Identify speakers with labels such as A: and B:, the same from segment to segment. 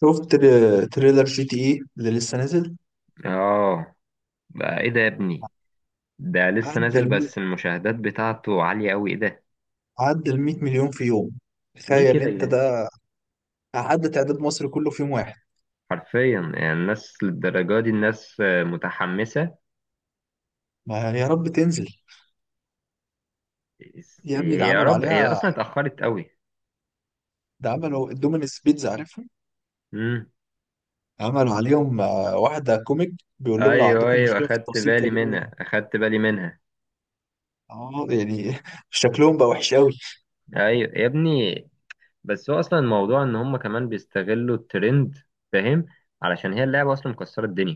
A: شفت تريلر جي تي ايه اللي لسه نازل.
B: اه. بقى ايه ده يا ابني؟ ده لسه
A: عدى
B: نازل،
A: ال
B: بس المشاهدات بتاعته عالية قوي. ايه ده؟
A: عدى ال 100 مليون في يوم.
B: ليه
A: تخيل
B: كده يا
A: انت
B: جدعان؟
A: ده، عدى تعداد مصر كله في يوم واحد.
B: حرفيا، يعني الناس للدرجة دي الناس متحمسة.
A: ما يا رب تنزل. يا ابني ده
B: هي يا
A: عملوا
B: رب، هي
A: عليها.
B: اصلا اتأخرت قوي.
A: ده عملوا الدومينس بيتزا، عارفها؟
B: امم
A: عملوا عليهم واحدة كوميك، بيقول لهم لو
B: ايوه،
A: عندكم
B: ايوه،
A: مشكلة في
B: اخدت
A: التوصيل
B: بالي
A: كلمونا.
B: منها، اخدت بالي منها.
A: اه يعني شكلهم بقى وحش قوي.
B: ايوه يا ابني. بس هو اصلا الموضوع ان هم كمان بيستغلوا الترند، فاهم؟ علشان هي اللعبة اصلا مكسرة الدنيا.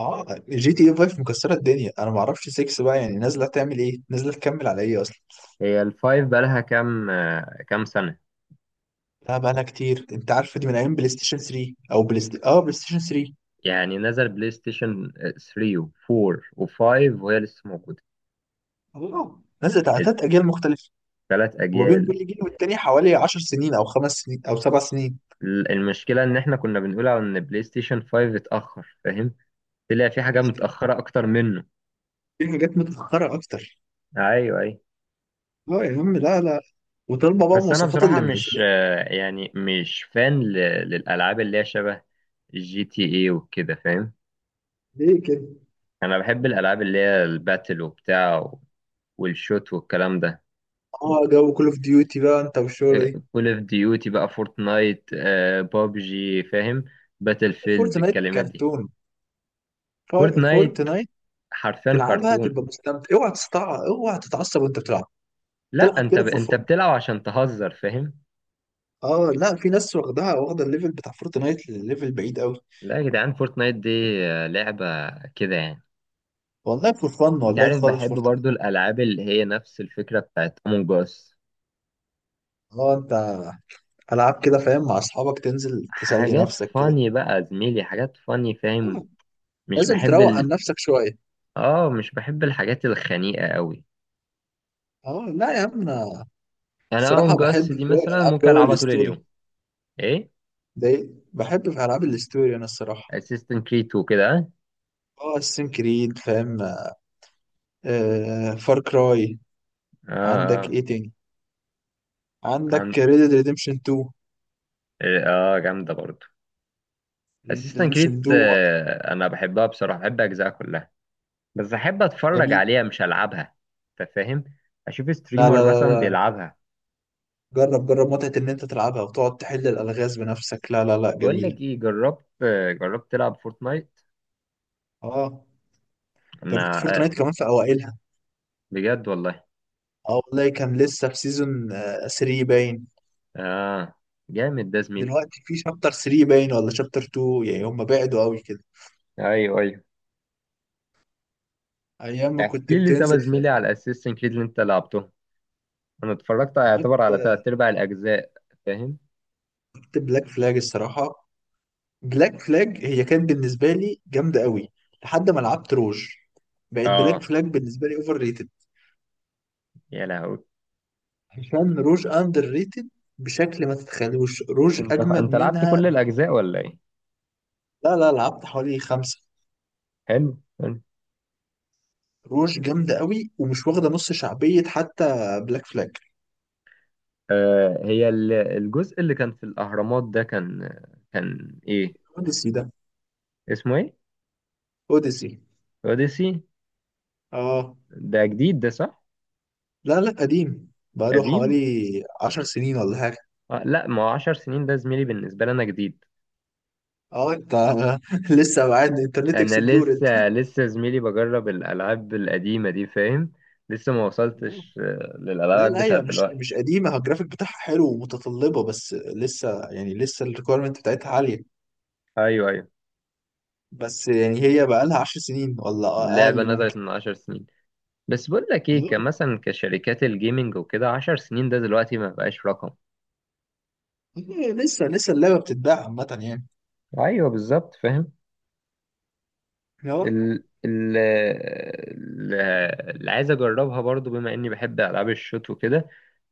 A: اه جي تي اي 5 مكسرة الدنيا، انا ما اعرفش 6 بقى يعني نازلة تعمل ايه، نازلة تكمل على ايه اصلا.
B: هي الفايف بقالها كام سنة؟
A: لا بقالها كتير، انت عارف دي من ايام بلاي ستيشن 3، او بلاي ستيشن 3.
B: يعني نزل بلاي ستيشن 3 و4 و5، وهي لسه موجودة.
A: اه نزلت على ثلاث اجيال مختلفه،
B: الثلاث
A: وبين
B: أجيال.
A: كل جيل والتاني حوالي 10 سنين او خمس سنين او سبع سنين.
B: المشكلة إن إحنا كنا بنقول على إن بلاي ستيشن 5 اتأخر، فاهم؟ طلع في حاجة متأخرة أكتر منه.
A: في حاجات متاخره اكتر.
B: أيوه، أيوه.
A: اه يا عم، لا لا. وطالبه بقى
B: بس أنا
A: مواصفات
B: بصراحة
A: اللي
B: مش
A: منزلين.
B: آه، يعني مش فان للألعاب اللي هي شبه جي تي إيه وكده، فاهم؟
A: ليه كده؟
B: أنا بحب الألعاب اللي هي الباتل وبتاع، والشوت والكلام ده.
A: اه جو كول اوف ديوتي بقى انت والشغله دي.
B: كول اوف ديوتي بقى، فورتنايت، بابجي، فاهم؟ باتل فيلد،
A: فورتنايت
B: الكلمات دي.
A: كرتون.
B: فورتنايت
A: فورتنايت.
B: حرفيا
A: تلعبها
B: كرتون.
A: تبقى مستمتع، اوعى تستع اوعى تتعصب وانت بتلعب.
B: لا،
A: تلعب
B: انت
A: كده فور
B: انت
A: فن.
B: بتلعب عشان تهزر، فاهم؟
A: اه لا، في ناس واخدها واخده الليفل بتاع فورتنايت لليفل بعيد قوي.
B: لا يا جدعان، فورتنايت دي لعبة كده يعني.
A: والله فور فن
B: انت
A: والله
B: عارف،
A: خالص
B: بحب
A: فورتنايت.
B: برضو الالعاب اللي هي نفس الفكرة بتاعت امونج اس.
A: اه انت، العاب كده فاهم، مع اصحابك تنزل تسلي
B: حاجات
A: نفسك كده.
B: فاني بقى يا زميلي، حاجات فاني، فاهم؟
A: آه،
B: مش
A: نازل
B: بحب
A: تروق عن
B: ال...
A: نفسك شويه.
B: اه، مش بحب الحاجات الخنيقة قوي.
A: اه لا يا عم انا.
B: انا
A: الصراحه
B: امونج
A: بحب
B: اس
A: في
B: دي
A: جو
B: مثلا
A: الالعاب،
B: ممكن
A: جو
B: العبها طول
A: الستوري.
B: اليوم. ايه؟
A: ده بحب في العاب الستوري انا الصراحه.
B: اسيستنت كريد وكده.
A: اه السين كريد فاهم. آه فار كراي.
B: اه،
A: عندك
B: اه.
A: ايه تاني؟
B: عن...
A: عندك ريد ديد ريديمشن 2.
B: اه، جامده برضو.
A: ريد ديد
B: اسيستنت كريد،
A: ريديمشن 2.
B: انا بحبها بصراحه، بحب اجزاء كلها. بس احب اتفرج
A: جميل.
B: عليها مش العبها، انت فاهم؟ اشوف
A: لا
B: ستريمر
A: لا لا
B: مثلا
A: لا،
B: بيلعبها.
A: جرب، جرب متعه ان انت تلعبها وتقعد تحل الالغاز بنفسك. لا لا لا،
B: بقول
A: جميله.
B: لك ايه، جربت تلعب فورتنايت؟
A: اه جربت
B: انا
A: فورتنايت كمان في اوائلها.
B: بجد والله.
A: اه والله كان لسه في سيزون 3 باين.
B: اه، جامد ده زميلي.
A: دلوقتي في شابتر 3 باين ولا شابتر 2، يعني هم بعدوا قوي كده.
B: ايوه، ايوه.
A: ايام ما كنت
B: احكي لي طب يا
A: بتنزل
B: زميلي
A: في...
B: على اسيستنت كريد اللي انت لعبته. انا اتفرجت يعتبر على تلات ارباع الاجزاء، فاهم؟
A: كنت بلاك فلاج الصراحه. بلاك فلاج هي كانت بالنسبه لي جامده قوي لحد ما لعبت روج. بقت بلاك
B: اه،
A: فلاج بالنسبه لي اوفر ريتد،
B: يا لهوي.
A: عشان روج اندر ريتد بشكل ما تتخيلوش. روج
B: انت
A: اجمد
B: انت لعبت
A: منها
B: كل الاجزاء ولا ايه؟
A: لا لا، لعبت حوالي خمسه.
B: حلو، حلو.
A: روج جامده قوي ومش واخده نص شعبيه حتى بلاك فلاج.
B: آه، هي الجزء اللي كان في الأهرامات ده كان إيه؟
A: اوديسي ده.
B: اسمه إيه؟
A: اوديسي.
B: أوديسي.
A: اه.
B: ده جديد ده، صح؟
A: لا لا، قديم بقاله
B: قديم.
A: حوالي عشر سنين ولا حاجة.
B: آه، لا، ما هو عشر سنين ده زميلي، بالنسبة لي أنا جديد.
A: اه انت لسه بعد انترنت
B: أنا
A: اكسبلور انت.
B: لسه، لسه زميلي بجرب الألعاب القديمة دي، فاهم؟ لسه ما
A: آه.
B: وصلتش
A: لا
B: للألعاب
A: لا،
B: بتاعت
A: هي مش
B: دلوقتي.
A: مش قديمة، هو الجرافيك بتاعها حلو ومتطلبة، بس لسه يعني لسه الريكويرمنت بتاعتها عالية.
B: أيوه، أيوه.
A: بس يعني هي بقالها عشر سنين ولا
B: اللعبة
A: أقل ممكن.
B: نزلت من عشر سنين. بس بقول لك إيه،
A: آه.
B: كمثلا كشركات الجيمنج وكده، عشر سنين ده دلوقتي ما بقاش رقم.
A: آه، لسه لسه اللعبة بتتباع عامة يعني.
B: أيوه، بالظبط، فاهم؟
A: اه.
B: ال ال ال- اللي عايز اجربها برضو بما اني بحب العاب الشوت وكده،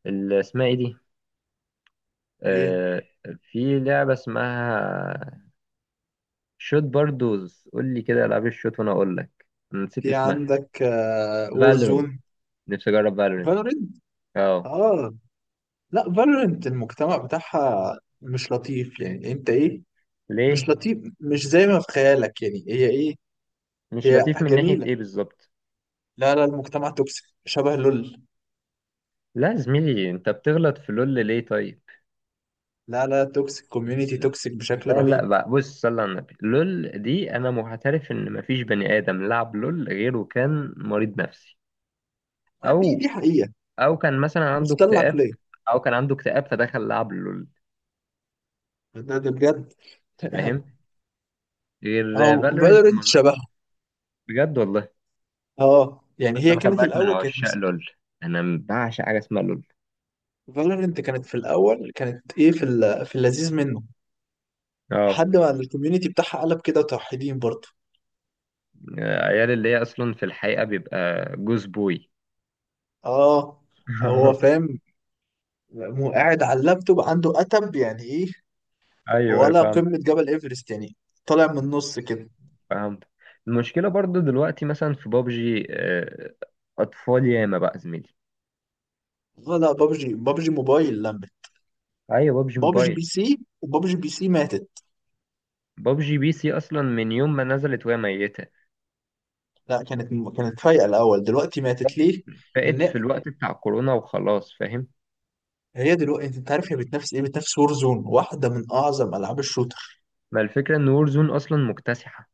B: اللي اسمها ايه دي؟
A: ايه؟
B: آه. في لعبة اسمها، شوت باردوز قول لي كده العاب الشوت وانا اقول لك. أنا نسيت
A: في
B: اسمها.
A: عندك
B: فالورنت.
A: وورزون.
B: نفسي اجرب فالورنت.
A: فالورنت. اه
B: اه.
A: Warzone. Valorant. لا فالورنت المجتمع بتاعها مش لطيف يعني، انت ايه؟ مش
B: ليه؟
A: لطيف، مش زي ما في خيالك يعني، هي ايه؟
B: مش
A: هي
B: لطيف من ناحية
A: جميلة.
B: ايه بالظبط؟
A: لا لا، المجتمع توكسيك شبه لول.
B: لا يا زميلي، انت بتغلط في لول، ليه طيب؟
A: لا لا، توكسيك كوميونيتي توكسيك بشكل
B: لا، لا،
A: رهيب.
B: بقى بص، صلى على النبي، لول دي انا معترف ان مفيش بني ادم لعب لول غيره كان مريض نفسي.
A: دي
B: او،
A: دي حقيقة.
B: او كان مثلا عنده
A: مختل
B: اكتئاب،
A: العقلية.
B: او كان عنده اكتئاب فدخل لعب لول.
A: ده بجد.
B: فاهم؟ غير
A: اه
B: فالورنت ما
A: فالورنت
B: أظن-
A: شبهها.
B: بجد والله.
A: اه يعني
B: بس
A: هي
B: انا خلي
A: كانت
B: بالك من
A: الاول كانت.
B: عشاق لول، انا بعشق حاجه اسمها لول.
A: فالورنت كانت في الاول كانت ايه، في في اللذيذ منه،
B: اه.
A: لحد ما الكوميونيتي بتاعها قلب كده توحيدين برضه.
B: عيال اللي هي اصلا في الحقيقه بيبقى، جوز بوي.
A: اه. هو فاهم. مو قاعد على اللابتوب عنده اتب يعني ايه؟
B: ايوه، ايوه،
A: ولا
B: فهمت،
A: قمة جبل ايفرست يعني. طالع من النص كده.
B: فهمت. المشكله برضو دلوقتي مثلا في بابجي، اطفال ياما بقى زميلي.
A: ولا بابجي، بابجي موبايل لمت.
B: ايوه، بابجي
A: بابجي بي
B: موبايل.
A: سي، وبابجي بي سي ماتت.
B: بابجي بي سي اصلا من يوم ما نزلت وهي ميته.
A: لا كانت فايقة الأول، دلوقتي ماتت
B: فقت
A: ليه؟
B: فقت في
A: لأن
B: الوقت بتاع كورونا وخلاص، فاهم؟
A: هي دلوقتي أنت عارف هي بتنافس إيه؟ بتنافس زون، واحدة من أعظم ألعاب الشوتر.
B: ما الفكرة ان وورزون اصلا مكتسحة.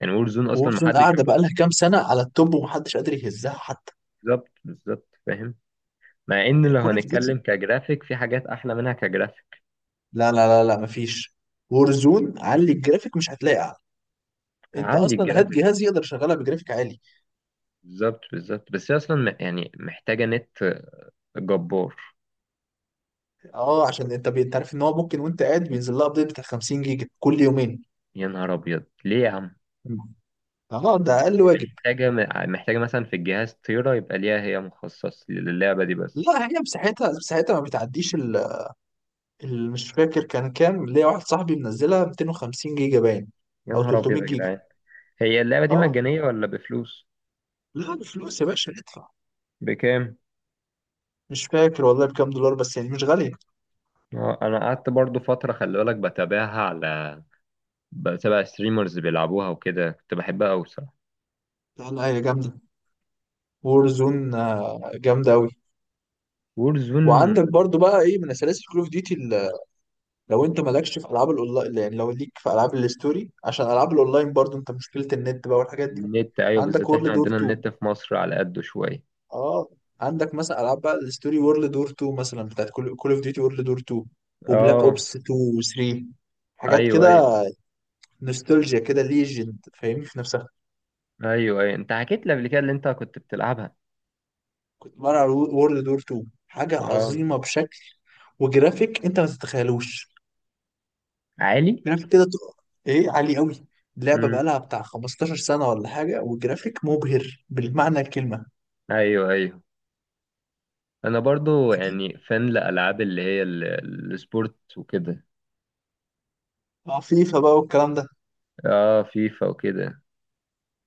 B: يعني وورزون اصلا
A: زون
B: محدش
A: قاعدة
B: يعرف.
A: بقالها كام سنة على التوب ومحدش قادر يهزها حتى.
B: بالظبط، بالظبط، فاهم؟ مع ان
A: يعني
B: لو
A: كول أوف ديوتي.
B: هنتكلم كجرافيك في حاجات احلى منها كجرافيك.
A: لا لا لا لا، مفيش. زون علي الجرافيك مش هتلاقي أعلى. أنت
B: هعلي
A: أصلا هات
B: الجرافيك.
A: جهاز يقدر يشغلها بجرافيك عالي.
B: بالظبط، بالظبط، بس هي اصلا يعني محتاجة نت جبار.
A: اه عشان انت انت عارف ان هو ممكن وانت قاعد بينزل لها ابديت بتاع 50 جيجا كل يومين.
B: يا نهار ابيض، ليه يا عم؟
A: مم. اه ده اقل
B: دي
A: واجب.
B: محتاجة محتاجة مثلا في الجهاز طيارة يبقى ليها هي مخصص للعبة دي بس.
A: لا هي مساحتها، مساحتها ما بتعديش ال، مش فاكر كان كام، ليا واحد صاحبي منزلها 250 جيجا باين،
B: يا
A: او
B: نهار
A: 300
B: ابيض يا
A: جيجا.
B: جدعان. هي اللعبة دي
A: اه.
B: مجانية ولا بفلوس؟
A: لا بفلوس يا باشا، ادفع.
B: بكام؟
A: مش فاكر والله بكام دولار، بس يعني مش غالية.
B: انا قعدت برضو فترة، خلي بالك، بتابعها على، بتابع ستريمرز بيلعبوها وكده، كنت بحبها قوي بصراحة.
A: لا لا هي جامدة. وور زون جامدة أوي.
B: وورزون.
A: وعندك برضو بقى إيه من سلاسل كول أوف ديوتي، لو انت مالكش في العاب الاونلاين يعني، لو ليك في العاب الستوري، عشان العاب الاونلاين برضو انت مشكله النت بقى والحاجات دي.
B: النت، ايوه،
A: عندك
B: بالذات احنا
A: وورلد دور
B: عندنا
A: 2.
B: النت في مصر على قده شوية.
A: اه. عندك مثلا العاب بقى الستوري، وورلد دور 2 مثلا بتاعت كول اوف ديوتي، وورلد دور 2، وبلاك
B: اه.
A: اوبس 2 و3، حاجات
B: ايوه،
A: كده.
B: ايوه.
A: نوستالجيا كده، ليجند، فاهمني في نفسها.
B: ايوه، ايوه، انت حكيت لي قبل كده اللي انت كنت بتلعبها.
A: كنت بلعب وورلد دور 2، حاجه
B: اه.
A: عظيمه بشكل. وجرافيك انت ما تتخيلوش.
B: عالي.
A: جرافيك كده ايه عالي قوي. اللعبه بقى
B: امم.
A: لها بتاع 15 سنه ولا حاجه، والجرافيك مبهر بالمعنى الكلمه.
B: ايوه، ايوه. انا برضو
A: عجيب.
B: يعني فان لالعاب اللي هي السبورت وكده.
A: اه فيفا بقى والكلام ده.
B: اه، فيفا وكده.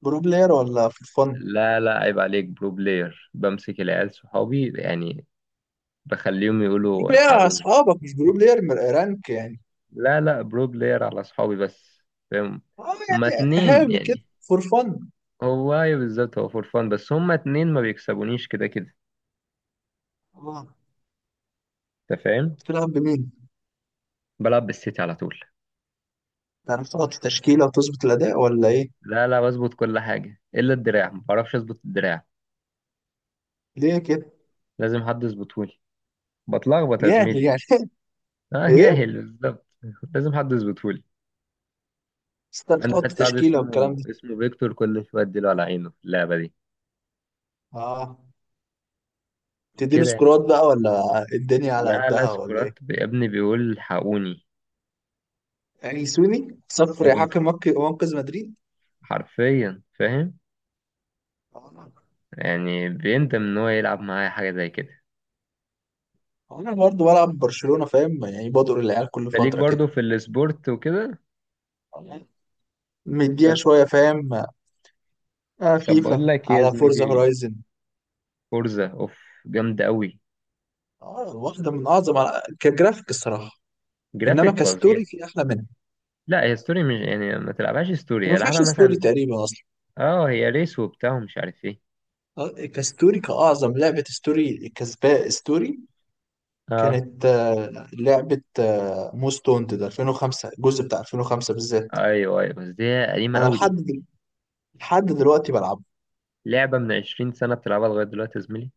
A: برو بلاير ولا فور فن؟
B: لا، لا، عيب عليك، برو بلاير بمسك العيال صحابي يعني، بخليهم
A: برو
B: يقولوا
A: بلاير على
B: الحقوني.
A: اصحابك مش برو بلاير من رانك يعني.
B: لا، لا، برو بلاير على اصحابي بس، فاهم؟
A: اه
B: هما
A: يعني
B: اتنين
A: هاوي كده،
B: يعني.
A: فور فن.
B: هو ايوه، بالظبط، هو فور فان، بس هما اتنين ما بيكسبونيش كده كده،
A: اه.
B: انت فاهم.
A: بتلعب بمين؟
B: بلعب بالسيتي على طول.
A: تعرف تحط تشكيله وتظبط الاداء ولا ايه؟
B: لا، لا، بظبط كل حاجه الا الدراع، ما بعرفش اظبط الدراع.
A: ليه كده؟
B: لازم حد يظبطهولي، بتلخبط يا
A: جاهل
B: زميلي.
A: يعني.
B: اه،
A: ايه؟
B: جاهل، بالظبط. لازم حد يظبطهولي.
A: بس تعرف
B: عندي
A: تحط
B: واحد صاحبي
A: تشكيله والكلام
B: اسمه
A: ده.
B: اسمه فيكتور، كل شويه اديله على عينه في اللعبه دي.
A: اه. تديله
B: كده يعني.
A: سكورات بقى ولا الدنيا على
B: لا، لا،
A: قدها ولا إيه؟
B: سكرات يا ابني، بيقول الحقوني.
A: أليسوني صفر يا حكم، منقذ منقذ مدريد.
B: حرفيا، فاهم؟
A: آه.
B: يعني بيندم ان هو يلعب معايا حاجه زي كده.
A: انا برضه بلعب برشلونة فاهم، يعني بدور العيال كل
B: انت ليك
A: فترة كده.
B: برضو في السبورت وكده؟
A: آه. مديها
B: طب،
A: شوية فاهم. آه
B: طب بقول
A: فيفا
B: لك ايه يا
A: على فورزا
B: زميلي،
A: هورايزن.
B: فورزا اوف جامده قوي.
A: اه واحدة من أعظم على... كجرافيك الصراحة. إنما
B: جرافيك فظيع.
A: كستوري في أحلى منها.
B: لا، هي ستوري مش يعني ما تلعبهاش
A: يعني ما
B: ستوري،
A: فيهاش
B: العبها
A: ستوري
B: مثلا.
A: تقريبا أصلا.
B: اه، هي ريس وبتاع ومش عارف ايه.
A: كستوري كأعظم لعبة ستوري كسباء ستوري،
B: اه.
A: كانت لعبة موست وانتد 2005، الجزء بتاع 2005 بالذات.
B: ايوه، ايوه، بس دي قديمه
A: أنا
B: قوي دي.
A: لحد دلوقتي بلعبه.
B: لعبه من 20 سنه بتلعبها لغايه دلوقتي يا زميلي؟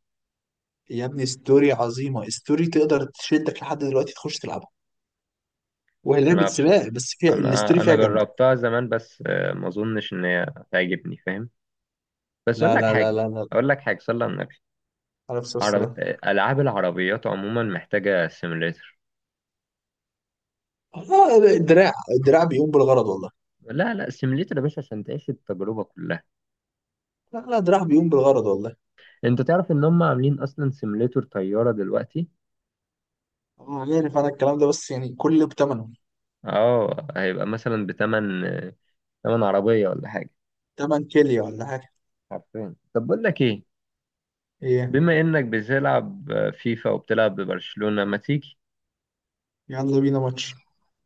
A: يا ابني ستوري عظيمه، ستوري تقدر تشدك لحد دلوقتي تخش تلعبها، وهي لعبه
B: انا بص...
A: سباق بس فيها الستوري
B: انا
A: فيها
B: انا
A: جامده.
B: جربتها زمان، بس ما اظنش ان هي تعجبني، فاهم؟ بس اقول
A: لا
B: لك
A: لا لا
B: حاجه،
A: لا لا.
B: اقول لك حاجه، صلى على النبي.
A: عليه الصلاه
B: عرب...
A: والسلام.
B: ألعاب العربيات عموما محتاجة سيميليتر.
A: الدراع، الدراع بيقوم بالغرض والله.
B: لا، لا، سيميليتر يا باشا عشان تعيش التجربة كلها.
A: لا لا دراع بيقوم بالغرض والله.
B: انت تعرف ان هم عاملين اصلا سيميليتر طيارة دلوقتي.
A: عارف انا الكلام ده، بس يعني كله بتمنه.
B: اه، هيبقى مثلا بتمن، تمن عربية ولا حاجة.
A: تمن كيليا ولا حاجه.
B: عارفين، طب بقول لك ايه،
A: ايه؟
B: بما انك بتلعب فيفا وبتلعب ببرشلونة، ما تيجي
A: يلا بينا ماتش.